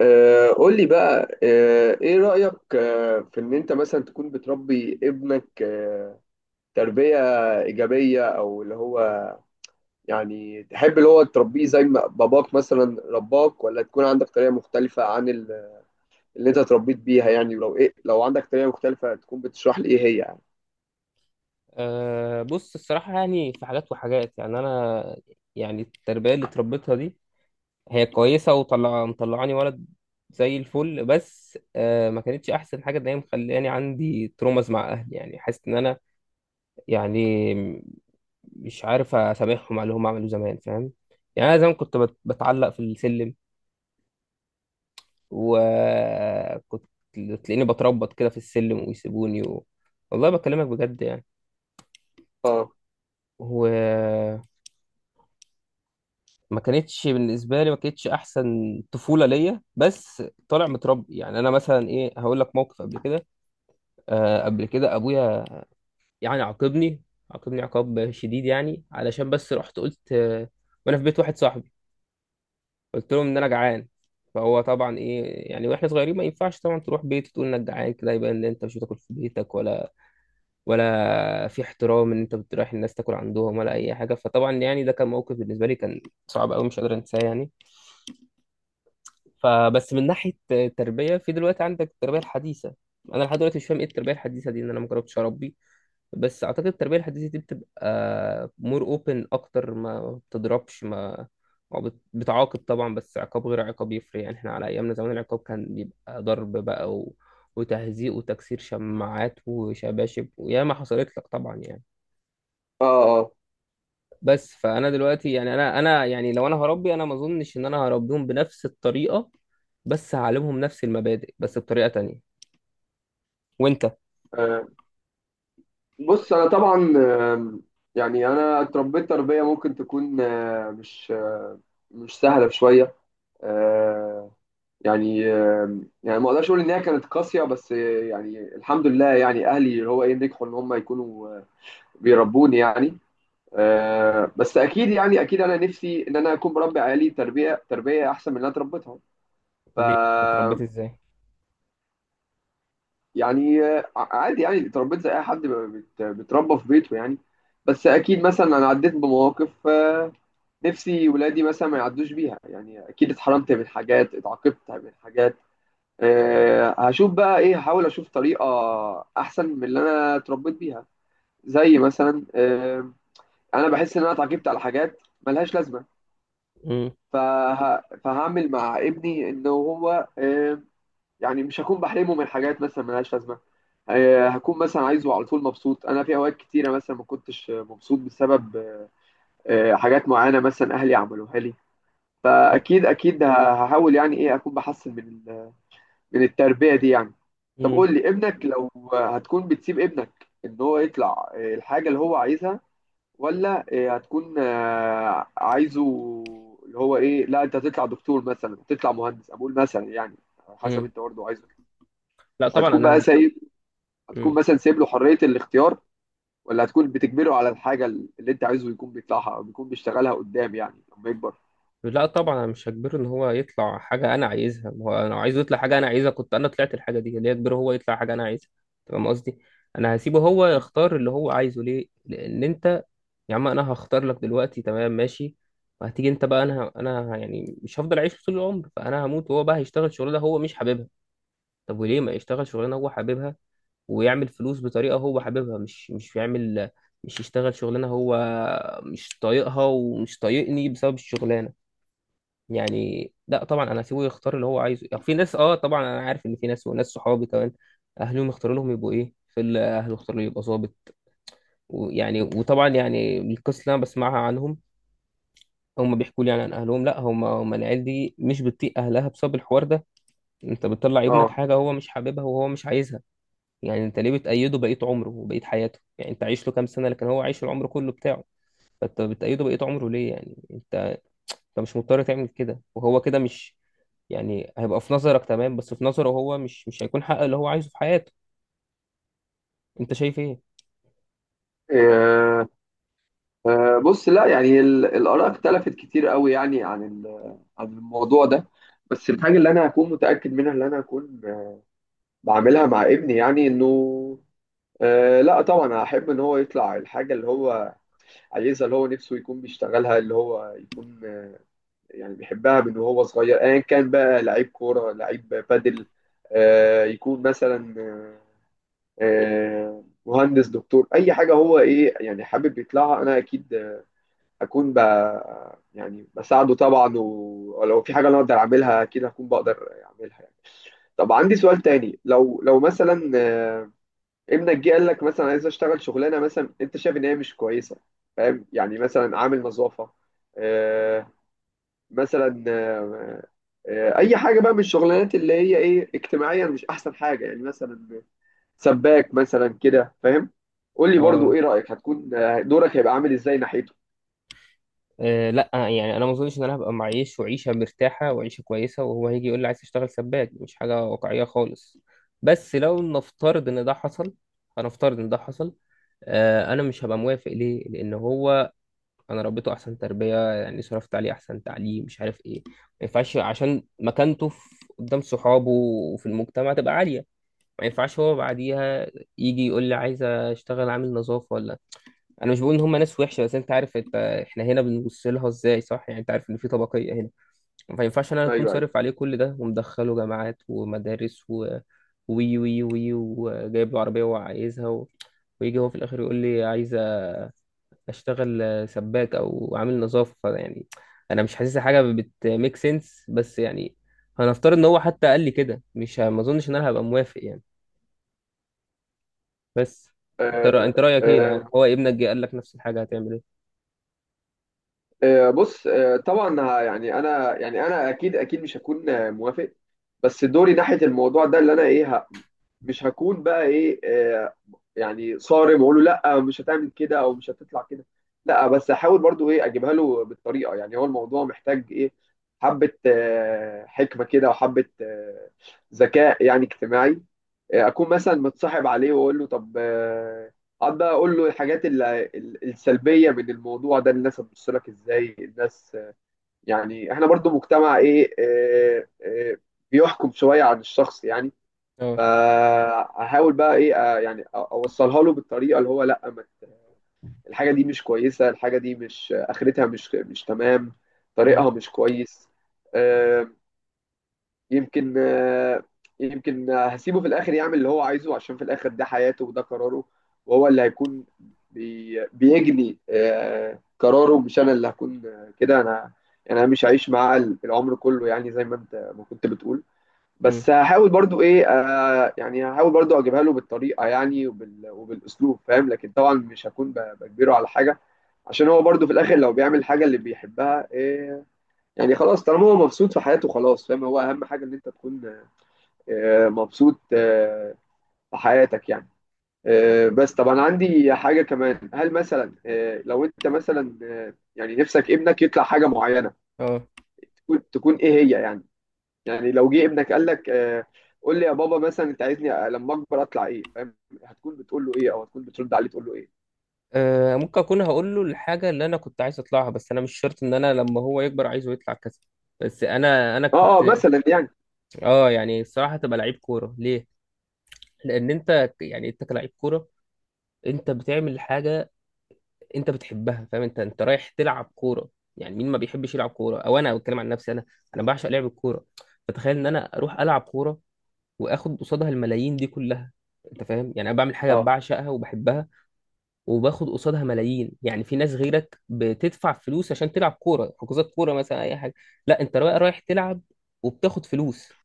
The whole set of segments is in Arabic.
قول لي بقى ايه رأيك في ان انت مثلا تكون بتربي ابنك تربية إيجابية او اللي هو يعني تحب اللي هو تربيه زي ما باباك مثلا رباك، ولا تكون عندك طريقة مختلفة عن اللي انت اتربيت بيها يعني؟ ولو ايه، لو عندك طريقة مختلفة تكون بتشرح لي ايه هي يعني. بص الصراحة، يعني في حاجات وحاجات. يعني أنا يعني التربية اللي اتربيتها دي هي كويسة وطلع مطلعاني ولد زي الفل، بس ما كانتش أحسن حاجة إن هي مخلاني عندي ترومز مع أهلي. يعني حاسس إن أنا يعني مش عارف أسامحهم على اللي هم عملوه زمان، فاهم؟ يعني أنا زمان كنت بتعلق في السلم، وكنت تلاقيني بتربط كده في السلم ويسيبوني والله بكلمك بجد يعني. اه، ما كانتش احسن طفوله ليا، بس طالع متربي. يعني انا مثلا ايه، هقول لك موقف قبل كده. آه قبل كده ابويا يعني عاقبني، عاقبني عقاب شديد يعني علشان بس رحت قلت آه، وانا في بيت واحد صاحبي قلت لهم ان انا جعان. فهو طبعا ايه يعني، واحنا صغيرين ما ينفعش طبعا تروح بيت تقول انك جعان كده، يبقى ان انت مش بتاكل في بيتك، ولا ولا في احترام ان انت بتروح الناس تاكل عندهم ولا اي حاجه. فطبعا يعني ده كان موقف بالنسبه لي كان صعب قوي، مش قادر انساه يعني. فبس من ناحيه التربيه، في دلوقتي عندك التربيه الحديثه، انا لحد دلوقتي مش فاهم ايه التربيه الحديثه دي، ان انا ما جربتش اربي، بس اعتقد التربيه الحديثه دي بتبقى مور اوبن اكتر، ما بتضربش، ما بتعاقب طبعا، بس عقاب غير عقاب يفرق. يعني احنا على ايامنا زمان العقاب كان بيبقى ضرب بقى وتهزيق وتكسير شماعات وشباشب، وياما حصلت لك طبعا يعني. اه، اه. بس فانا دلوقتي يعني انا يعني لو انا هربي، انا ما اظنش ان انا هربيهم بنفس الطريقه، بس هعلمهم نفس المبادئ بس بطريقة تانية. وانت آه، بص انا طبعا. آم، يعني انا اتربيت تربية ممكن تكون مش سهلة شوية. يعني يعني ما اقدرش اقول ان هي كانت قاسيه، بس يعني الحمد لله، يعني اهلي اللي هو ايه نجحوا ان هم يكونوا بيربوني يعني. بس اكيد يعني اكيد انا نفسي ان انا اكون بربي عيالي تربيه احسن من اللي انا اتربيتها. ف ليه اتربيت ازاي؟ يعني عادي، يعني اتربيت زي اي حد بيتربى في بيته يعني. بس اكيد مثلا انا عديت بمواقف نفسي ولادي مثلا ما يعدوش بيها يعني. اكيد اتحرمت من حاجات، اتعاقبت من حاجات. هشوف بقى ايه، هحاول اشوف طريقه احسن من اللي انا اتربيت بيها. زي مثلا انا بحس ان انا اتعاقبت على حاجات ملهاش لازمه. مم. فهعمل مع ابني ان هو يعني مش هكون بحرمه من حاجات مثلا ملهاش لازمه. هكون مثلا عايزه على طول مبسوط. انا في اوقات كتيره مثلا ما كنتش مبسوط بسبب حاجات معينه مثلا اهلي عملوها لي. فاكيد اكيد هحاول يعني ايه اكون بحسن من التربية دي يعني. طب مم. قول لي، ابنك لو هتكون بتسيب ابنك ان هو يطلع الحاجة اللي هو عايزها، ولا هتكون عايزه اللي هو ايه، لا انت هتطلع دكتور مثلا، هتطلع مهندس، اقول مثلا يعني على حسب مم. انت برضه عايزه؟ لا طبعا هتكون بقى انا. سايب هتكون مم. مثلا سايب له حرية الاختيار، ولا هتكون بتجبره على الحاجة اللي انت عايزه يكون بيطلعها او بيكون بيشتغلها قدام يعني لما يكبر؟ لا طبعا انا مش هجبره ان هو يطلع حاجة انا عايزها. ما هو انا لو عايزه يطلع حاجة انا عايزها، كنت انا طلعت الحاجة دي. ليه اجبره هو يطلع حاجة انا عايزها؟ أنت فاهم قصدي؟ انا هسيبه هو يختار اللي هو عايزه ليه، لان انت يا عم انا هختار لك دلوقتي تمام ماشي، وهتيجي انت بقى، انا انا يعني مش هفضل اعيش طول العمر، فانا هموت وهو بقى هيشتغل شغلانه هو مش حاببها. طب وليه ما يشتغل شغلانه هو حاببها ويعمل فلوس بطريقه هو حاببها، مش يشتغل شغلانه هو مش طايقها ومش طايقني بسبب الشغلانه؟ يعني لا طبعا انا هسيبه يختار اللي هو عايزه. يعني في ناس، اه طبعا انا عارف ان في ناس وناس صحابي كمان اهلهم يختاروا لهم يبقوا ايه، في اللي اهله اختاروا يبقى ظابط، ويعني وطبعا يعني القصه اللي انا بسمعها عنهم هم بيحكوا لي يعني عن اهلهم، لا هم العيال دي مش بتطيق اهلها بسبب الحوار ده. انت بتطلع ابنك اه. حاجه هو مش حاببها وهو مش عايزها. يعني انت ليه بتأيده بقية عمره وبقية حياته؟ يعني انت عايش له كام سنة، لكن هو عايش العمر كله بتاعه. فانت بتأيده بقية عمره ليه؟ يعني انت، انت مش مضطر تعمل كده وهو كده مش، يعني هيبقى في نظرك تمام، بس في نظره هو مش هيكون حقق اللي هو عايزه في حياته. انت شايف ايه؟ آه، بص لا، يعني الآراء اختلفت كتير قوي يعني عن عن الموضوع ده. بس الحاجة اللي أنا هكون متأكد منها، اللي أنا هكون بعملها مع ابني يعني، إنه لا طبعا أحب إن هو يطلع الحاجة اللي هو عايزها، اللي هو نفسه يكون بيشتغلها، اللي هو يكون يعني بيحبها من وهو صغير، أيا كان بقى لعيب كورة، لعيب بادل، يكون مثلا مهندس، دكتور، أي حاجة هو إيه يعني حابب يطلعها. أنا أكيد اكون ب... يعني بساعده طبعا، ولو في حاجه انا اقدر اعملها اكيد هكون بقدر اعملها يعني. طب عندي سؤال تاني، لو مثلا ابنك جه قال لك مثلا عايز اشتغل شغلانه مثلا انت شايف ان هي مش كويسه، فاهم؟ يعني مثلا عامل نظافه، آه، مثلا اي حاجه بقى من الشغلانات اللي هي ايه اجتماعيا مش احسن حاجه يعني، مثلا سباك مثلا كده، فاهم؟ قول لي برضو اه. ايه رايك، هتكون دورك هيبقى عامل ازاي ناحيته؟ آه لا يعني انا ما اظنش ان انا هبقى معيش وعيشه مرتاحه وعيشه كويسه وهو هيجي يقول لي عايز اشتغل سباك. مش حاجه واقعيه خالص، بس لو نفترض ان ده حصل، هنفترض ان ده حصل. آه انا مش هبقى موافق ليه؟ لان هو انا ربيته احسن تربيه، يعني صرفت عليه احسن تعليم مش عارف ايه، ما ينفعش عشان مكانته في، قدام صحابه وفي المجتمع تبقى عاليه. ما ينفعش هو بعديها يجي يقول لي عايز اشتغل عامل نظافه ولا، انا مش بقول ان هم ناس وحشه، بس انت عارف، انت احنا هنا بنبص لها ازاي صح؟ يعني انت عارف ان في طبقيه هنا. ما ينفعش انا اكون ايوه، ايوه. صارف عليه كل ده ومدخله جامعات ومدارس و وي وي وي وجايب له عربيه وعايزها ويجي هو في الاخر يقول لي عايز اشتغل سباك او عامل نظافه. فيعني انا مش حاسسها حاجه بتميك سنس. بس يعني هنفترض ان هو حتى قال لي كده، مش ه- ما اظنش ان انا هبقى موافق يعني. بس انت آه، رايك ايه؟ لان آه، هو ابنك جه قال لك نفس الحاجه هتعمل ايه؟ بص طبعا يعني انا يعني انا اكيد اكيد مش هكون موافق. بس دوري ناحيه الموضوع ده اللي انا ايه مش هكون بقى ايه يعني صارم واقول له لا مش هتعمل كده او مش هتطلع كده. لا، بس احاول برضو ايه اجيبها له بالطريقه. يعني هو الموضوع محتاج ايه، حبه حكمه كده، وحبه ذكاء يعني اجتماعي. اكون مثلا متصاحب عليه واقول له طب اقعد بقى اقول له الحاجات السلبيه من الموضوع ده. الناس هتبص لك ازاي، الناس يعني احنا برضو مجتمع ايه بيحكم شويه عن الشخص يعني. اه فهحاول بقى ايه يعني اوصلها له بالطريقه اللي هو لا ما ت- الحاجه دي مش كويسه، الحاجه دي مش اخرتها مش تمام. اه. طريقها مش كويس. آه، يمكن يمكن هسيبه في الاخر يعمل اللي هو عايزه، عشان في الاخر ده حياته وده قراره. وهو اللي هيكون بيجني قراره، مش انا اللي هكون كده. انا يعني انا مش هعيش معاه العمر كله يعني، زي ما انت ما كنت بتقول. مم. بس هحاول برضو ايه يعني هحاول برضو اجيبها له بالطريقه يعني وبالاسلوب، فاهم؟ لكن طبعا مش هكون بجبره على حاجه. عشان هو برضو في الاخر لو بيعمل حاجه اللي بيحبها إيه، يعني خلاص طالما هو مبسوط في حياته خلاص، فاهم؟ هو اهم حاجه ان انت تكون مبسوط في حياتك يعني. بس طب انا عندي حاجه كمان. هل مثلا لو انت مثلا يعني نفسك ابنك يطلع حاجه معينه، اه. تكون ايه هي يعني؟ يعني لو جه ابنك قال لك قول لي يا بابا، مثلا انت عايزني لما اكبر اطلع ايه، فاهم؟ هتكون بتقول له ايه، او هتكون بترد عليه تقول له ايه؟ ممكن اكون هقول له الحاجه اللي انا كنت عايز اطلعها، بس انا مش شرط ان انا لما هو يكبر عايزه يطلع كذا. بس انا اه، كنت اه، مثلا يعني. اه يعني الصراحه تبقى لعيب كوره. ليه؟ لان يعني انت كلاعب كوره، انت بتعمل حاجه انت بتحبها، فاهم؟ انت رايح تلعب كوره. يعني مين ما بيحبش يلعب كوره؟ او انا بتكلم عن نفسي انا بعشق لعب الكوره. فتخيل ان انا اروح العب كوره واخد قصادها الملايين دي كلها. انت فاهم؟ يعني انا بعمل حاجه اه، بعشقها وبحبها وباخد قصادها ملايين. يعني في ناس غيرك بتدفع فلوس عشان تلعب كوره، حجوزات كوره مثلا، اي حاجه. لا انت بقى رايح تلعب وبتاخد فلوس.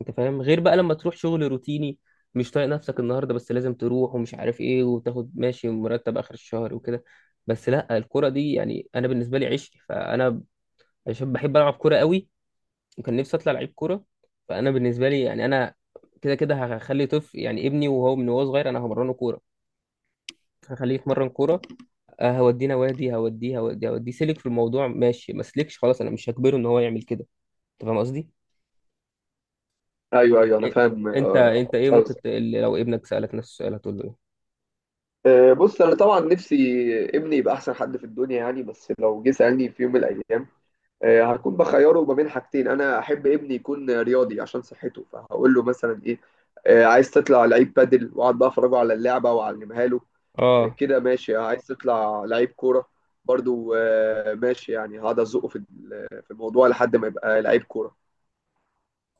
انت فاهم؟ غير بقى لما تروح شغل روتيني مش طايق نفسك النهارده، بس لازم تروح ومش عارف ايه، وتاخد ماشي مرتب اخر الشهر وكده. بس لا الكرة دي يعني انا بالنسبه لي عشق، فانا عشان بحب العب كرة قوي وكان نفسي اطلع لعيب كرة. فانا بالنسبه لي، يعني انا كده كده هخلي طفل، يعني ابني وهو من وهو صغير، انا همرنه كوره، هخليه يتمرن كوره. هوديه نوادي، هوديه سلك في الموضوع ماشي، ما سلكش خلاص انا مش هجبره ان هو يعمل كده. انت فاهم قصدي؟ ايوه، ايوه، إيه- انا إيه- فاهم انت ايه ممكن قصدك. لو ابنك سالك نفس السؤال هتقول له ايه؟ بص انا طبعا نفسي ابني يبقى احسن حد في الدنيا يعني. بس لو جه سالني في يوم من الايام هكون بخيره ما بين حاجتين. انا احب ابني يكون رياضي عشان صحته، فهقول له مثلا ايه؟ عايز تطلع لعيب بادل؟ واقعد بقى افرجه على اللعبه واعلمها له. اه كده ماشي. عايز تطلع لعيب كوره؟ برضو ماشي، يعني هقعد ازقه في الموضوع لحد ما يبقى لعيب كوره.